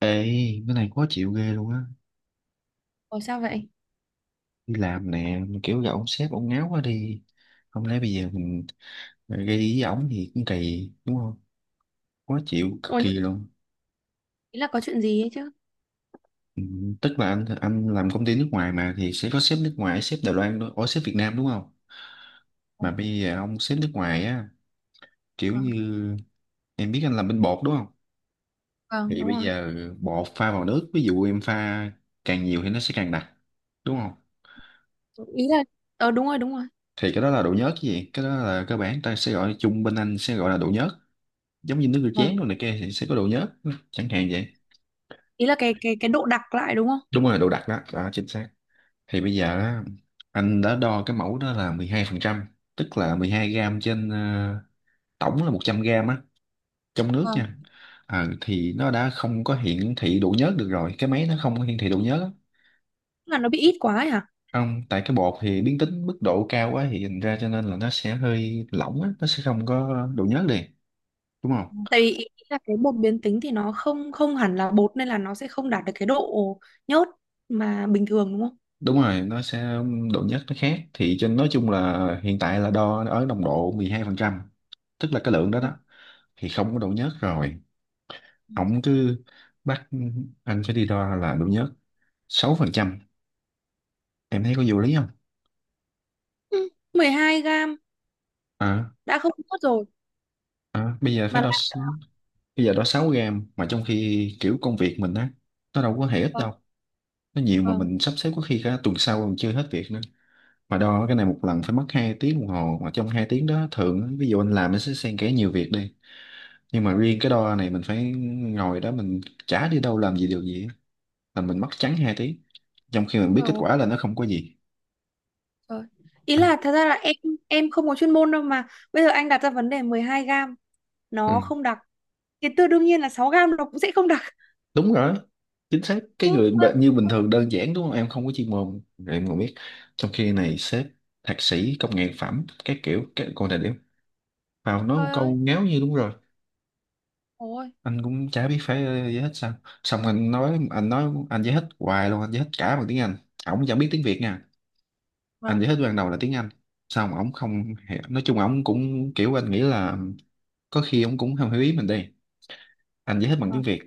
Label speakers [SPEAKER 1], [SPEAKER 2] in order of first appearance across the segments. [SPEAKER 1] Ê, cái này khó chịu ghê luôn á.
[SPEAKER 2] Ủa sao vậy?
[SPEAKER 1] Đi làm nè, mà kiểu gặp ông sếp, ông ngáo quá đi. Không lẽ bây giờ mình gây ý với ổng thì cũng kỳ, đúng không? Khó chịu, cực
[SPEAKER 2] Ủa
[SPEAKER 1] kỳ
[SPEAKER 2] nhưng
[SPEAKER 1] luôn.
[SPEAKER 2] ý là có chuyện gì ấy chứ?
[SPEAKER 1] Ừ, tức là anh làm công ty nước ngoài mà thì sẽ có sếp nước ngoài, sếp Đài Loan, đó, ủa sếp Việt Nam đúng không? Mà
[SPEAKER 2] Vâng,
[SPEAKER 1] bây giờ ông sếp nước ngoài á, kiểu
[SPEAKER 2] vâng,
[SPEAKER 1] như em biết anh làm bên bột đúng không?
[SPEAKER 2] vâng,
[SPEAKER 1] Thì
[SPEAKER 2] đúng
[SPEAKER 1] bây
[SPEAKER 2] rồi.
[SPEAKER 1] giờ bột pha vào nước, ví dụ em pha càng nhiều thì nó sẽ càng đặc, đúng không?
[SPEAKER 2] Ý là đúng rồi, đúng rồi.
[SPEAKER 1] Thì cái đó là độ nhớt chứ gì? Cái đó là cơ bản ta sẽ gọi chung, bên anh sẽ gọi là độ nhớt, giống như nước rửa
[SPEAKER 2] Vâng.
[SPEAKER 1] chén rồi này kia thì sẽ có độ nhớt chẳng hạn vậy.
[SPEAKER 2] Ý là cái độ đặc lại đúng không?
[SPEAKER 1] Đúng rồi, độ đặc đó đó, chính xác. Thì bây giờ á, anh đã đo cái mẫu đó là 12 phần trăm, tức là 12 gram trên tổng là 100 gram á, trong nước
[SPEAKER 2] Vâng.
[SPEAKER 1] nha. Thì nó đã không có hiển thị độ nhớt được rồi, cái máy nó không có hiển thị độ nhớt á.
[SPEAKER 2] Tức là nó bị ít quá ấy hả?
[SPEAKER 1] Không, tại cái bột thì biến tính mức độ cao quá thì thành ra cho nên là nó sẽ hơi lỏng á, nó sẽ không có độ nhớt liền, đúng không?
[SPEAKER 2] Tại vì ý là cái bột biến tính thì nó không không hẳn là bột nên là nó sẽ không đạt được cái độ nhớt mà bình thường đúng không?
[SPEAKER 1] Đúng rồi, nó sẽ độ nhớt nó khác, thì trên nói chung là hiện tại là đo ở nồng độ 12%, tức là cái lượng đó
[SPEAKER 2] Vâng.
[SPEAKER 1] đó thì không có độ nhớt rồi. Ổng cứ bắt anh phải đi đo là độ nhớt 6%, em thấy có vô lý không?
[SPEAKER 2] Ừ, 12 gram
[SPEAKER 1] À,
[SPEAKER 2] đã không nhớt rồi
[SPEAKER 1] à bây giờ
[SPEAKER 2] mà
[SPEAKER 1] phải đo
[SPEAKER 2] lại
[SPEAKER 1] bây giờ đo 6 gram, mà trong khi kiểu công việc mình á, nó đâu có hề ít
[SPEAKER 2] vâng,
[SPEAKER 1] đâu, nó nhiều mà
[SPEAKER 2] vâng.
[SPEAKER 1] mình sắp xếp có khi cả tuần sau còn chưa hết việc nữa. Mà đo cái này một lần phải mất 2 tiếng đồng hồ, mà trong 2 tiếng đó thường á, ví dụ anh làm nó sẽ xen kẽ nhiều việc đi, nhưng mà
[SPEAKER 2] Vâng.
[SPEAKER 1] riêng cái đo này mình phải ngồi đó, mình chả đi đâu làm gì điều gì á, là mình mất trắng hai tiếng trong khi mình biết
[SPEAKER 2] Ôi dồi
[SPEAKER 1] kết
[SPEAKER 2] ôi.
[SPEAKER 1] quả là nó không có gì.
[SPEAKER 2] Trời. Ý
[SPEAKER 1] À,
[SPEAKER 2] là thật ra là em không có chuyên môn đâu, mà bây giờ anh đặt ra vấn đề 12 gram nó
[SPEAKER 1] ừ.
[SPEAKER 2] không đặc, cái tư đương nhiên là 6 gam nó cũng sẽ không đặc.
[SPEAKER 1] Đúng rồi, chính xác, cái
[SPEAKER 2] Ừ,
[SPEAKER 1] người
[SPEAKER 2] vâng.
[SPEAKER 1] như bình thường đơn giản đúng không, em không có chuyên môn rồi em còn biết, trong khi này sếp thạc sĩ công nghệ phẩm các kiểu các còn thời điểm vào nói một
[SPEAKER 2] Trời
[SPEAKER 1] câu
[SPEAKER 2] ơi.
[SPEAKER 1] ngáo như đúng rồi.
[SPEAKER 2] Ôi.
[SPEAKER 1] Anh cũng chả biết phải giải thích sao, xong anh nói anh giải thích hoài luôn, anh giải thích cả bằng tiếng Anh, ổng chẳng biết tiếng Việt nha. Anh
[SPEAKER 2] Vâng,
[SPEAKER 1] giải thích ban đầu là tiếng Anh, xong ổng không hiểu, nói chung ổng cũng kiểu anh nghĩ là có khi ổng cũng không hiểu ý mình đi. Anh giải thích bằng tiếng
[SPEAKER 2] vâng,
[SPEAKER 1] Việt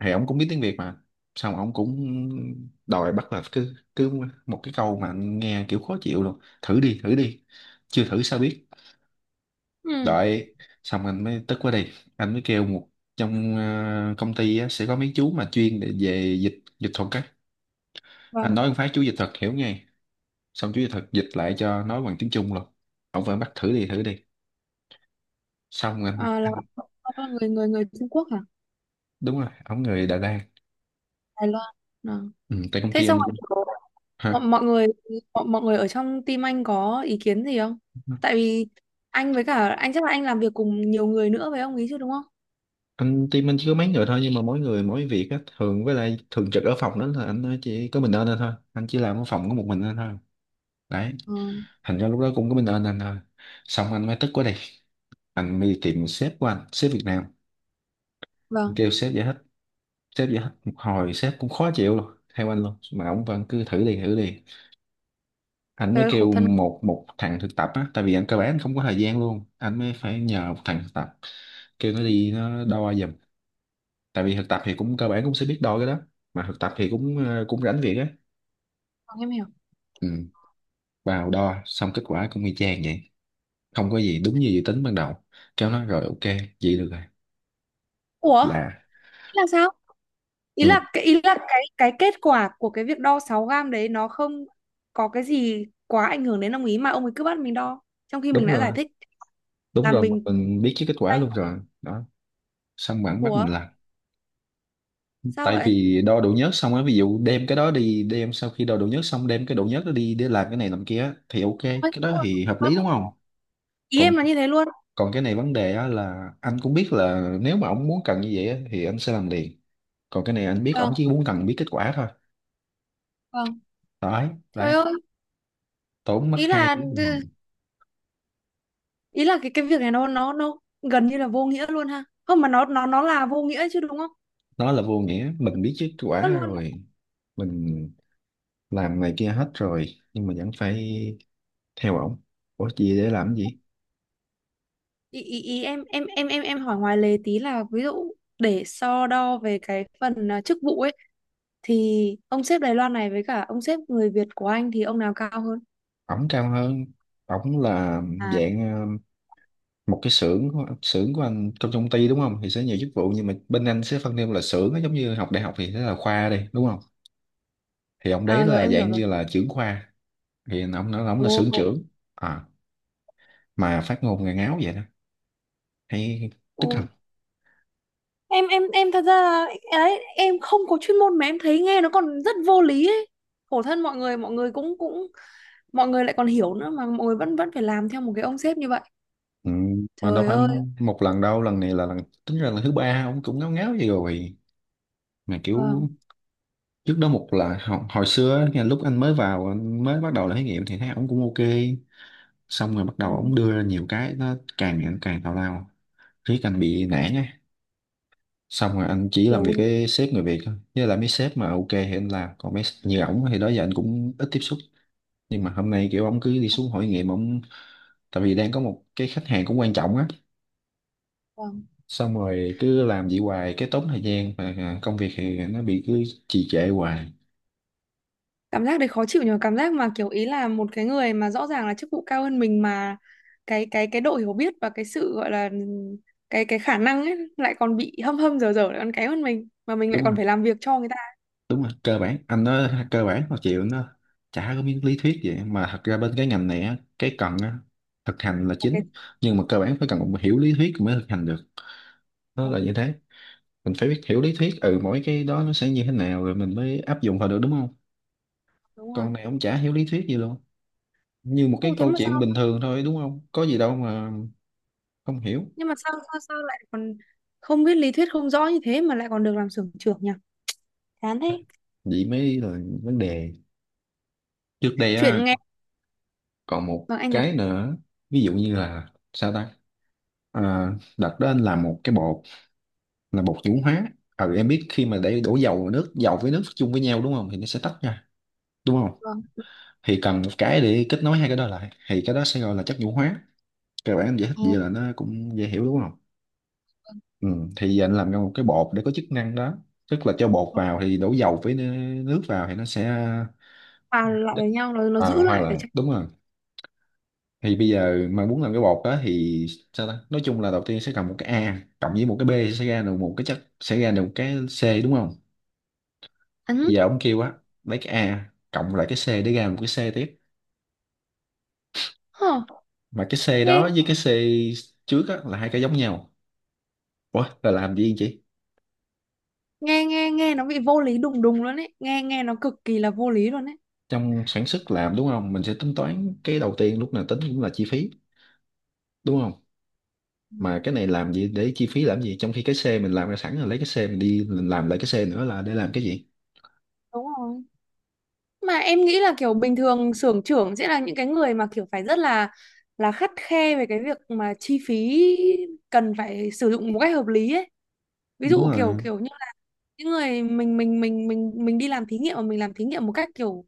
[SPEAKER 1] thì ổng cũng biết tiếng Việt mà, xong ổng cũng đòi bắt là cứ cứ một cái câu mà anh nghe kiểu khó chịu luôn: thử đi thử đi, chưa thử sao biết.
[SPEAKER 2] ừ,
[SPEAKER 1] Đợi, xong anh mới tức quá đi, anh mới kêu một trong công ty á, sẽ có mấy chú mà chuyên để về dịch dịch thuật á, anh
[SPEAKER 2] vâng.
[SPEAKER 1] nói một phát chú dịch thuật hiểu ngay, xong chú dịch thuật dịch lại cho, nói bằng tiếng Trung luôn, ổng vẫn bắt thử đi thử đi. Xong anh,
[SPEAKER 2] À, là
[SPEAKER 1] anh
[SPEAKER 2] ông là người người người Trung Quốc hả
[SPEAKER 1] đúng rồi, ông người Đà Lạt.
[SPEAKER 2] Đài Loan à.
[SPEAKER 1] Ừ, tại công
[SPEAKER 2] Thế
[SPEAKER 1] ty
[SPEAKER 2] xong
[SPEAKER 1] anh
[SPEAKER 2] rồi
[SPEAKER 1] cũng
[SPEAKER 2] có- mọi,
[SPEAKER 1] hả,
[SPEAKER 2] mọi người, mọi người ở trong team anh có ý kiến gì không? Tại vì anh với cả anh chắc là anh làm việc cùng nhiều người nữa với ông ý chứ đúng không?
[SPEAKER 1] anh team anh chỉ có mấy người thôi, nhưng mà mỗi người mỗi việc á, thường với lại thường trực ở phòng đó là anh chỉ có mình anh thôi, anh chỉ làm ở phòng có một mình anh thôi, đấy.
[SPEAKER 2] Ừ,
[SPEAKER 1] Thành ra lúc đó cũng có mình anh thôi, xong anh mới tức quá đi, anh mới đi tìm sếp của anh, sếp Việt Nam. Anh
[SPEAKER 2] vâng.
[SPEAKER 1] kêu sếp giải thích, sếp giải thích một hồi sếp cũng khó chịu luôn theo anh luôn, mà ông vẫn cứ thử đi thử đi. Anh
[SPEAKER 2] Trời
[SPEAKER 1] mới
[SPEAKER 2] ơi, khổ
[SPEAKER 1] kêu
[SPEAKER 2] thân.
[SPEAKER 1] một một thằng thực tập á, tại vì anh cơ bản anh không có thời gian luôn, anh mới phải nhờ một thằng thực tập, kêu nó
[SPEAKER 2] Vâng,
[SPEAKER 1] đi nó đo giùm, tại vì thực tập thì cũng cơ bản cũng sẽ biết đo cái đó, mà thực tập thì cũng cũng rảnh việc á.
[SPEAKER 2] em hiểu.
[SPEAKER 1] Ừ. Vào đo xong kết quả cũng y chang vậy, không có gì, đúng như dự tính ban đầu. Kêu nó rồi, ok vậy được rồi,
[SPEAKER 2] Ủa
[SPEAKER 1] là
[SPEAKER 2] thế là sao? ý
[SPEAKER 1] ừ.
[SPEAKER 2] là cái ý là cái cái kết quả của cái việc đo 6 gam đấy nó không có cái gì quá ảnh hưởng đến ông ý mà ông ấy cứ bắt mình đo, trong khi mình
[SPEAKER 1] Đúng
[SPEAKER 2] đã giải
[SPEAKER 1] rồi,
[SPEAKER 2] thích
[SPEAKER 1] đúng
[SPEAKER 2] là
[SPEAKER 1] rồi, mà
[SPEAKER 2] mình.
[SPEAKER 1] mình biết chứ kết quả luôn rồi đó, xong bản bắt
[SPEAKER 2] Ủa
[SPEAKER 1] mình làm.
[SPEAKER 2] sao
[SPEAKER 1] Tại
[SPEAKER 2] vậy?
[SPEAKER 1] vì đo độ nhớt xong á, ví dụ đem cái đó đi, đem sau khi đo độ nhớt xong đem cái độ nhớt đó đi để làm cái này làm kia á, thì ok cái
[SPEAKER 2] Ôi,
[SPEAKER 1] đó thì hợp lý đúng không.
[SPEAKER 2] ý
[SPEAKER 1] Còn
[SPEAKER 2] em là như thế luôn.
[SPEAKER 1] còn cái này vấn đề á là anh cũng biết là nếu mà ông muốn cần như vậy á, thì anh sẽ làm liền, còn cái này anh biết ông
[SPEAKER 2] Vâng,
[SPEAKER 1] chỉ muốn cần biết kết quả thôi,
[SPEAKER 2] vâng.
[SPEAKER 1] đấy
[SPEAKER 2] Trời
[SPEAKER 1] đấy,
[SPEAKER 2] ơi.
[SPEAKER 1] tốn mất
[SPEAKER 2] ý là
[SPEAKER 1] hai tiếng đồng
[SPEAKER 2] ừ,
[SPEAKER 1] hồ.
[SPEAKER 2] ý là cái việc này nó gần như là vô nghĩa luôn ha, không mà nó là vô nghĩa chứ đúng không?
[SPEAKER 1] Nó là vô nghĩa, mình biết kết quả
[SPEAKER 2] Nó luôn.
[SPEAKER 1] rồi, mình làm này kia hết rồi, nhưng mà vẫn phải theo ổng, ủa gì để làm cái gì.
[SPEAKER 2] Ý em hỏi ngoài lề tí là, ví dụ, để so đo về cái phần chức vụ ấy, thì ông sếp Đài Loan này với cả ông sếp người Việt của anh thì ông nào cao hơn?
[SPEAKER 1] Ổng cao hơn, ổng là
[SPEAKER 2] À,
[SPEAKER 1] dạng một cái xưởng của anh trong công ty đúng không, thì sẽ nhiều chức vụ nhưng mà bên anh sẽ phân theo là xưởng á, giống như học đại học thì sẽ là khoa đi đúng không, thì ông đấy
[SPEAKER 2] à, rồi
[SPEAKER 1] là
[SPEAKER 2] em hiểu
[SPEAKER 1] dạng
[SPEAKER 2] rồi.
[SPEAKER 1] như là trưởng khoa, thì ông nói ông
[SPEAKER 2] Ồ,
[SPEAKER 1] là xưởng trưởng. À, mà phát ngôn ngà ngáo vậy đó, hay tức
[SPEAKER 2] ồ.
[SPEAKER 1] không.
[SPEAKER 2] Em thật ra là ấy, em không có chuyên môn mà em thấy nghe nó còn rất vô lý ấy. Khổ thân mọi người cũng cũng mọi người lại còn hiểu nữa mà mọi người vẫn vẫn phải làm theo một cái ông sếp như vậy.
[SPEAKER 1] Ừ, mà đâu
[SPEAKER 2] Trời
[SPEAKER 1] phải
[SPEAKER 2] ơi.
[SPEAKER 1] một lần đâu, lần này là lần tính ra là thứ ba ông cũng ngáo ngáo vậy rồi, mà
[SPEAKER 2] Vâng.
[SPEAKER 1] kiểu trước đó một là hồi xưa á, nghe lúc anh mới vào anh mới bắt đầu là thí nghiệm thì thấy ông cũng ok, xong rồi bắt
[SPEAKER 2] Ừ.
[SPEAKER 1] đầu ông đưa ra nhiều cái nó càng ngày nó càng tào lao, riết anh bị nản á. Xong rồi anh chỉ làm việc
[SPEAKER 2] Kiểu.
[SPEAKER 1] cái sếp người Việt thôi, với lại mấy sếp mà ok thì anh làm, còn mấy như ổng thì đó giờ anh cũng ít tiếp xúc, nhưng mà hôm nay kiểu ổng cứ đi xuống hội nghiệm ổng, tại vì đang có một cái khách hàng cũng quan trọng á.
[SPEAKER 2] Vâng.
[SPEAKER 1] Xong rồi cứ làm vậy hoài cái tốn thời gian và công việc thì nó bị cứ trì trệ hoài,
[SPEAKER 2] Cảm giác đấy khó chịu nhờ, cảm giác mà kiểu ý là một cái người mà rõ ràng là chức vụ cao hơn mình mà cái độ hiểu biết và cái sự gọi là cái khả năng ấy lại còn bị hâm hâm dở dở, lại còn kém hơn mình mà mình lại
[SPEAKER 1] đúng
[SPEAKER 2] còn
[SPEAKER 1] không.
[SPEAKER 2] phải làm việc cho người ta,
[SPEAKER 1] Đúng rồi, cơ bản anh nói cơ bản mà chịu nó, chả có miếng lý thuyết vậy, mà thật ra bên cái ngành này á cái cần á thực hành là
[SPEAKER 2] là cái.
[SPEAKER 1] chính, nhưng mà cơ bản phải cần một hiểu lý thuyết mới thực hành được, nó là như thế. Mình phải biết hiểu lý thuyết, ừ, mỗi cái đó nó sẽ như thế nào rồi mình mới áp dụng vào được đúng không,
[SPEAKER 2] Đúng
[SPEAKER 1] con
[SPEAKER 2] rồi.
[SPEAKER 1] này ông chả hiểu lý thuyết gì luôn, như một
[SPEAKER 2] Ô
[SPEAKER 1] cái
[SPEAKER 2] thế
[SPEAKER 1] câu
[SPEAKER 2] mà
[SPEAKER 1] chuyện
[SPEAKER 2] sao,
[SPEAKER 1] bình thường thôi đúng không, có gì đâu mà không hiểu.
[SPEAKER 2] nhưng mà sao sao sao lại còn không biết lý thuyết, không rõ như thế mà lại còn được làm xưởng trưởng nhỉ? Chán thế.
[SPEAKER 1] Vậy mới là vấn đề. Trước đây á,
[SPEAKER 2] Chuyện nghe.
[SPEAKER 1] còn một
[SPEAKER 2] Vâng anh nói.
[SPEAKER 1] cái nữa, ví dụ như là sao ta, à, đặt đó anh làm một cái bột là bột nhũ hóa. Ừ, em biết khi mà để đổ dầu vào nước, dầu với nước chung với nhau đúng không thì nó sẽ tách ra, đúng không.
[SPEAKER 2] Vâng.
[SPEAKER 1] Thì cần một cái để kết nối hai cái đó lại, thì cái đó sẽ gọi là chất nhũ hóa, các bạn giải thích vậy là nó cũng dễ hiểu đúng không. Ừ, thì anh làm ra một cái bột để có chức năng đó, tức là cho bột
[SPEAKER 2] Vâng.
[SPEAKER 1] vào thì đổ dầu với nước vào thì nó sẽ
[SPEAKER 2] Hòa lại với nhau, nó giữ
[SPEAKER 1] à, hoa
[SPEAKER 2] lại ở
[SPEAKER 1] là
[SPEAKER 2] trong.
[SPEAKER 1] đúng rồi. Thì bây giờ mà muốn làm cái bột đó thì sao ta, nói chung là đầu tiên sẽ cần một cái A cộng với một cái B thì sẽ ra được một cái chất, sẽ ra được một cái C đúng không.
[SPEAKER 2] Ấn.
[SPEAKER 1] Bây giờ ông kêu á, lấy cái A cộng lại cái C để ra một cái C tiếp,
[SPEAKER 2] Hờ.
[SPEAKER 1] mà cái C
[SPEAKER 2] nghe
[SPEAKER 1] đó với cái C trước á là hai cái giống nhau, ủa là làm gì chị.
[SPEAKER 2] nghe nghe nghe nó bị vô lý đùng đùng luôn ấy, nghe nghe nó cực kỳ là vô lý luôn ấy.
[SPEAKER 1] Trong sản xuất làm đúng không, mình sẽ tính toán cái đầu tiên lúc nào tính cũng là chi phí, đúng không, mà cái này làm gì để chi phí làm gì trong khi cái xe mình làm ra sẵn rồi, lấy cái xe mình đi mình làm lại cái xe nữa là để làm cái gì.
[SPEAKER 2] Đúng rồi, mà em nghĩ là kiểu bình thường xưởng trưởng sẽ là những cái người mà kiểu phải rất là khắt khe về cái việc mà chi phí cần phải sử dụng một cách hợp lý ấy. Ví
[SPEAKER 1] Đúng
[SPEAKER 2] dụ kiểu
[SPEAKER 1] rồi.
[SPEAKER 2] kiểu như là những người mình, mình đi làm thí nghiệm mà mình làm thí nghiệm một cách kiểu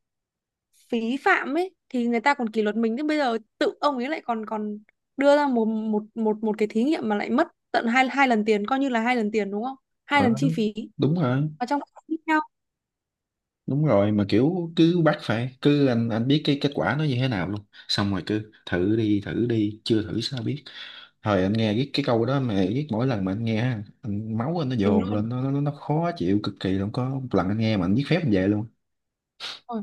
[SPEAKER 2] phí phạm ấy thì người ta còn kỷ luật mình, thế bây giờ tự ông ấy lại còn còn đưa ra một một cái thí nghiệm mà lại mất tận hai hai lần tiền, coi như là hai lần tiền đúng không, hai lần
[SPEAKER 1] Ờ,
[SPEAKER 2] chi phí,
[SPEAKER 1] Đúng rồi.
[SPEAKER 2] và trong cái tiếp theo
[SPEAKER 1] Đúng rồi, mà kiểu cứ bắt phải, cứ anh biết cái kết quả nó như thế nào luôn, xong rồi cứ thử đi thử đi, chưa thử sao biết. Thời anh nghe cái câu đó mà biết, mỗi lần mà anh nghe á, anh, máu anh nó
[SPEAKER 2] mình
[SPEAKER 1] dồn
[SPEAKER 2] luôn
[SPEAKER 1] lên, nó khó chịu cực kỳ luôn. Có một lần anh nghe mà anh viết phép anh về luôn
[SPEAKER 2] rồi.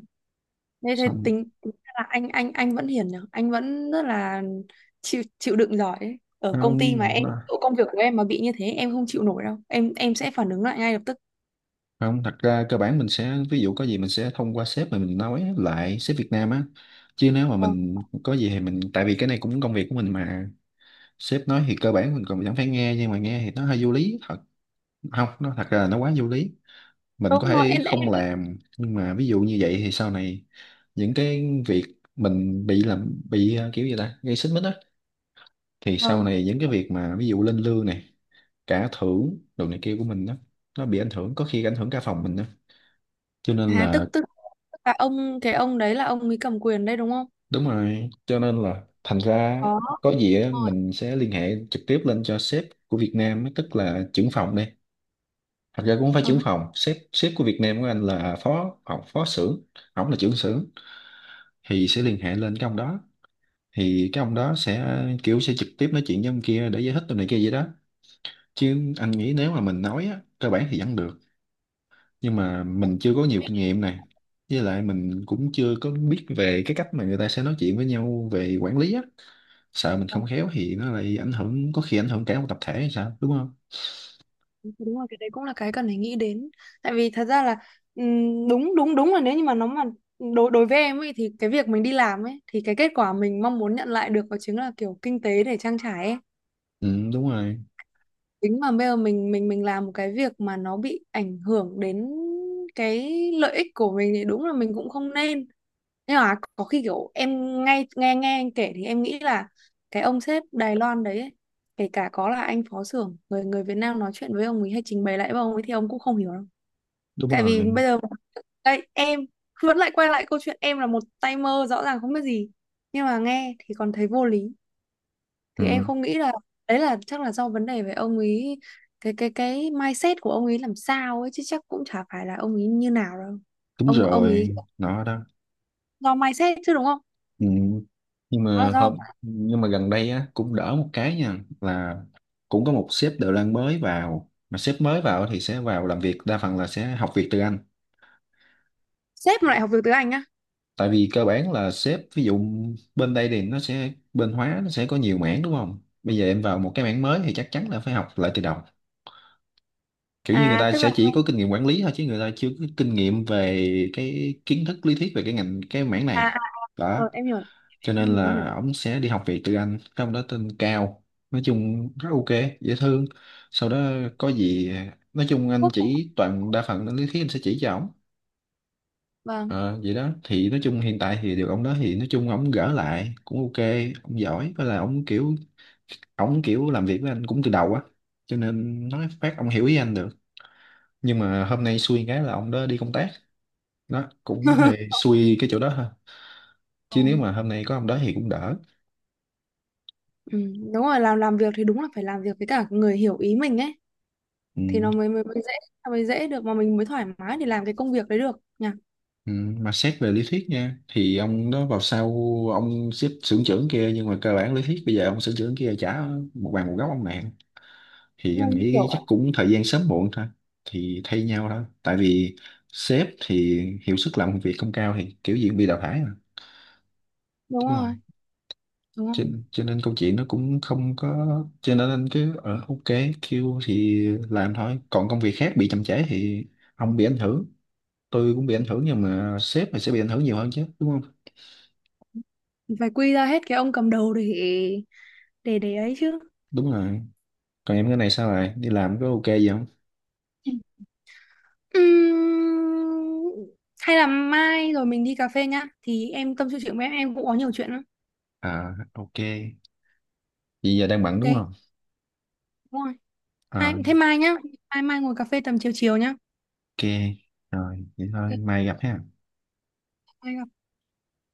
[SPEAKER 2] Nên thế
[SPEAKER 1] xong.
[SPEAKER 2] tính ra là anh vẫn hiền nhỉ, anh vẫn rất là chịu chịu đựng giỏi ấy. Ở
[SPEAKER 1] nó,
[SPEAKER 2] công ty mà em,
[SPEAKER 1] nó
[SPEAKER 2] chỗ công việc của em mà bị như thế em không chịu nổi đâu, em sẽ phản ứng lại ngay lập tức.
[SPEAKER 1] không, thật ra cơ bản mình sẽ, ví dụ có gì mình sẽ thông qua sếp mà mình nói lại, sếp Việt Nam á, chứ nếu mà
[SPEAKER 2] Vâng.
[SPEAKER 1] mình có gì thì mình, tại vì cái này cũng công việc của mình mà. Sếp nói thì cơ bản mình còn chẳng phải nghe, nhưng mà nghe thì nó hơi vô lý thật. Không, nó thật ra là nó quá vô lý. Mình có
[SPEAKER 2] Đúng rồi.
[SPEAKER 1] thể không làm, nhưng mà ví dụ như vậy thì sau này những cái việc mình bị làm bị kiểu gì ta, gây xích mích á, thì sau
[SPEAKER 2] Vâng.
[SPEAKER 1] này những cái việc mà ví dụ lên lương này, cả thưởng đồ này kia của mình đó, nó bị ảnh hưởng, có khi ảnh hưởng cả phòng mình đó, cho nên
[SPEAKER 2] À tức
[SPEAKER 1] là.
[SPEAKER 2] tức tức là ông đấy là ông ấy cầm quyền đây đúng không?
[SPEAKER 1] Đúng rồi, cho nên là thành ra
[SPEAKER 2] Có.
[SPEAKER 1] có gì á,
[SPEAKER 2] Rồi.
[SPEAKER 1] mình sẽ liên hệ trực tiếp lên cho sếp của Việt Nam á, tức là trưởng phòng đây. Thật ra cũng không phải
[SPEAKER 2] Ờ,
[SPEAKER 1] trưởng phòng, sếp sếp của Việt Nam của anh là phó phó, phó xưởng, ổng là trưởng xưởng thì sẽ liên hệ lên cái ông đó. Thì cái ông đó sẽ kiểu sẽ trực tiếp nói chuyện với ông kia để giải thích tụi này kia vậy đó. Chứ anh nghĩ nếu mà mình nói á, cơ bản thì vẫn được, nhưng mà mình chưa có nhiều kinh nghiệm này. Với lại mình cũng chưa có biết về cái cách mà người ta sẽ nói chuyện với nhau về quản lý á, sợ mình
[SPEAKER 2] ờ,
[SPEAKER 1] không khéo thì nó lại ảnh hưởng, có khi ảnh hưởng cả một tập thể hay sao, đúng không?
[SPEAKER 2] đúng rồi, cái đấy cũng là cái cần phải nghĩ đến. Tại vì thật ra là đúng đúng đúng là, nếu như mà nó mà đối đối với em ấy, thì cái việc mình đi làm ấy, thì cái kết quả mình mong muốn nhận lại được đó chính là kiểu kinh tế để trang trải ấy.
[SPEAKER 1] Ừ, đúng rồi.
[SPEAKER 2] Tính mà bây giờ mình làm một cái việc mà nó bị ảnh hưởng đến cái lợi ích của mình thì đúng là mình cũng không nên. Nhưng mà có khi kiểu em, ngay nghe nghe anh kể, thì em nghĩ là cái ông sếp Đài Loan đấy ấy, kể cả có là anh phó xưởng người người Việt Nam nói chuyện với ông ấy hay trình bày lại với ông ấy thì ông cũng không hiểu đâu.
[SPEAKER 1] Đúng
[SPEAKER 2] Tại vì
[SPEAKER 1] rồi.
[SPEAKER 2] bây giờ đây em vẫn lại quay lại câu chuyện em là một tay mơ rõ ràng không biết gì, nhưng mà nghe thì còn thấy vô lý, thì em
[SPEAKER 1] Ừ,
[SPEAKER 2] không nghĩ là đấy, là chắc là do vấn đề về ông ấy, cái mindset của ông ấy làm sao ấy chứ chắc cũng chả phải là ông ấy như nào đâu.
[SPEAKER 1] đúng
[SPEAKER 2] Ông ấy
[SPEAKER 1] rồi, nó đó.
[SPEAKER 2] do mindset chứ đúng không?
[SPEAKER 1] Ừ. Nhưng
[SPEAKER 2] Nó là
[SPEAKER 1] mà
[SPEAKER 2] do
[SPEAKER 1] hôm, nhưng mà gần đây á cũng đỡ một cái nha là cũng có một sếp Đài Loan mới vào, mà sếp mới vào thì sẽ vào làm việc đa phần là sẽ học việc từ anh.
[SPEAKER 2] sếp mà lại học được tiếng Anh á.
[SPEAKER 1] Tại vì cơ bản là sếp, ví dụ bên đây thì nó sẽ, bên hóa nó sẽ có nhiều mảng, đúng không? Bây giờ em vào một cái mảng mới thì chắc chắn là phải học lại từ đầu, kiểu như người
[SPEAKER 2] À
[SPEAKER 1] ta
[SPEAKER 2] tức là,
[SPEAKER 1] sẽ chỉ có kinh nghiệm quản lý thôi chứ người ta chưa có kinh nghiệm về cái kiến thức lý thuyết về cái ngành, cái mảng
[SPEAKER 2] à,
[SPEAKER 1] này
[SPEAKER 2] à,
[SPEAKER 1] đó.
[SPEAKER 2] rồi em hiểu.
[SPEAKER 1] Cho
[SPEAKER 2] Em
[SPEAKER 1] nên
[SPEAKER 2] hiểu, em hiểu.
[SPEAKER 1] là ổng sẽ đi học việc từ anh, cái ông đó tên Cao. Nói chung rất ok, dễ thương. Sau đó có gì, nói chung anh
[SPEAKER 2] Quốc à?
[SPEAKER 1] chỉ toàn đa phần là lý thuyết anh sẽ chỉ cho ổng.
[SPEAKER 2] Vâng.
[SPEAKER 1] Ờ, vậy đó, thì nói chung hiện tại thì được ông đó thì nói chung ổng gỡ lại cũng ok. Ông giỏi với là ổng kiểu, ổng kiểu làm việc với anh cũng từ đầu á, cho nên nói phát ông hiểu ý anh được. Nhưng mà hôm nay xui cái là ông đó đi công tác, đó cũng hơi xui cái chỗ đó thôi,
[SPEAKER 2] Ừ,
[SPEAKER 1] chứ nếu mà hôm nay có ông đó thì cũng đỡ.
[SPEAKER 2] ừ, đúng rồi, làm việc thì đúng là phải làm việc với cả người hiểu ý mình ấy, thì
[SPEAKER 1] Ừ.
[SPEAKER 2] nó mới mới, mới dễ, nó mới dễ được mà mình mới thoải mái để làm cái công việc đấy được nhỉ.
[SPEAKER 1] Ừ. Mà xét về lý thuyết nha thì ông đó vào sau ông xếp xưởng trưởng kia, nhưng mà cơ bản lý thuyết bây giờ ông xưởng trưởng kia trả một bàn một góc ông nạn, thì
[SPEAKER 2] Nghe
[SPEAKER 1] anh
[SPEAKER 2] như
[SPEAKER 1] nghĩ
[SPEAKER 2] kiểu
[SPEAKER 1] chắc cũng thời gian sớm muộn thôi, thì thay nhau thôi, tại vì sếp thì hiệu suất làm việc không cao thì kiểu gì cũng bị đào thải mà,
[SPEAKER 2] đúng
[SPEAKER 1] đúng không?
[SPEAKER 2] rồi, đúng
[SPEAKER 1] cho,
[SPEAKER 2] rồi,
[SPEAKER 1] cho nên câu chuyện nó cũng không có, cho nên anh cứ ở ok kêu thì làm thôi, còn công việc khác bị chậm trễ thì ông bị ảnh hưởng, tôi cũng bị ảnh hưởng, nhưng mà sếp thì sẽ bị ảnh hưởng nhiều hơn chứ, đúng không?
[SPEAKER 2] phải quy ra hết cái ông cầm đầu, để ấy chứ.
[SPEAKER 1] Đúng rồi. Còn em cái này sao lại đi làm, có ok gì không?
[SPEAKER 2] Ừm, Hay là mai rồi mình đi cà phê nhá, thì em tâm sự chuyện với em cũng có nhiều chuyện lắm.
[SPEAKER 1] À ok, vậy giờ đang bận đúng
[SPEAKER 2] Ok,
[SPEAKER 1] không?
[SPEAKER 2] đúng rồi. Mai,
[SPEAKER 1] À
[SPEAKER 2] thế mai nhá, mai mai ngồi cà phê tầm chiều chiều nhá.
[SPEAKER 1] ok, rồi vậy thôi
[SPEAKER 2] Ok,
[SPEAKER 1] mai gặp ha.
[SPEAKER 2] mai gặp.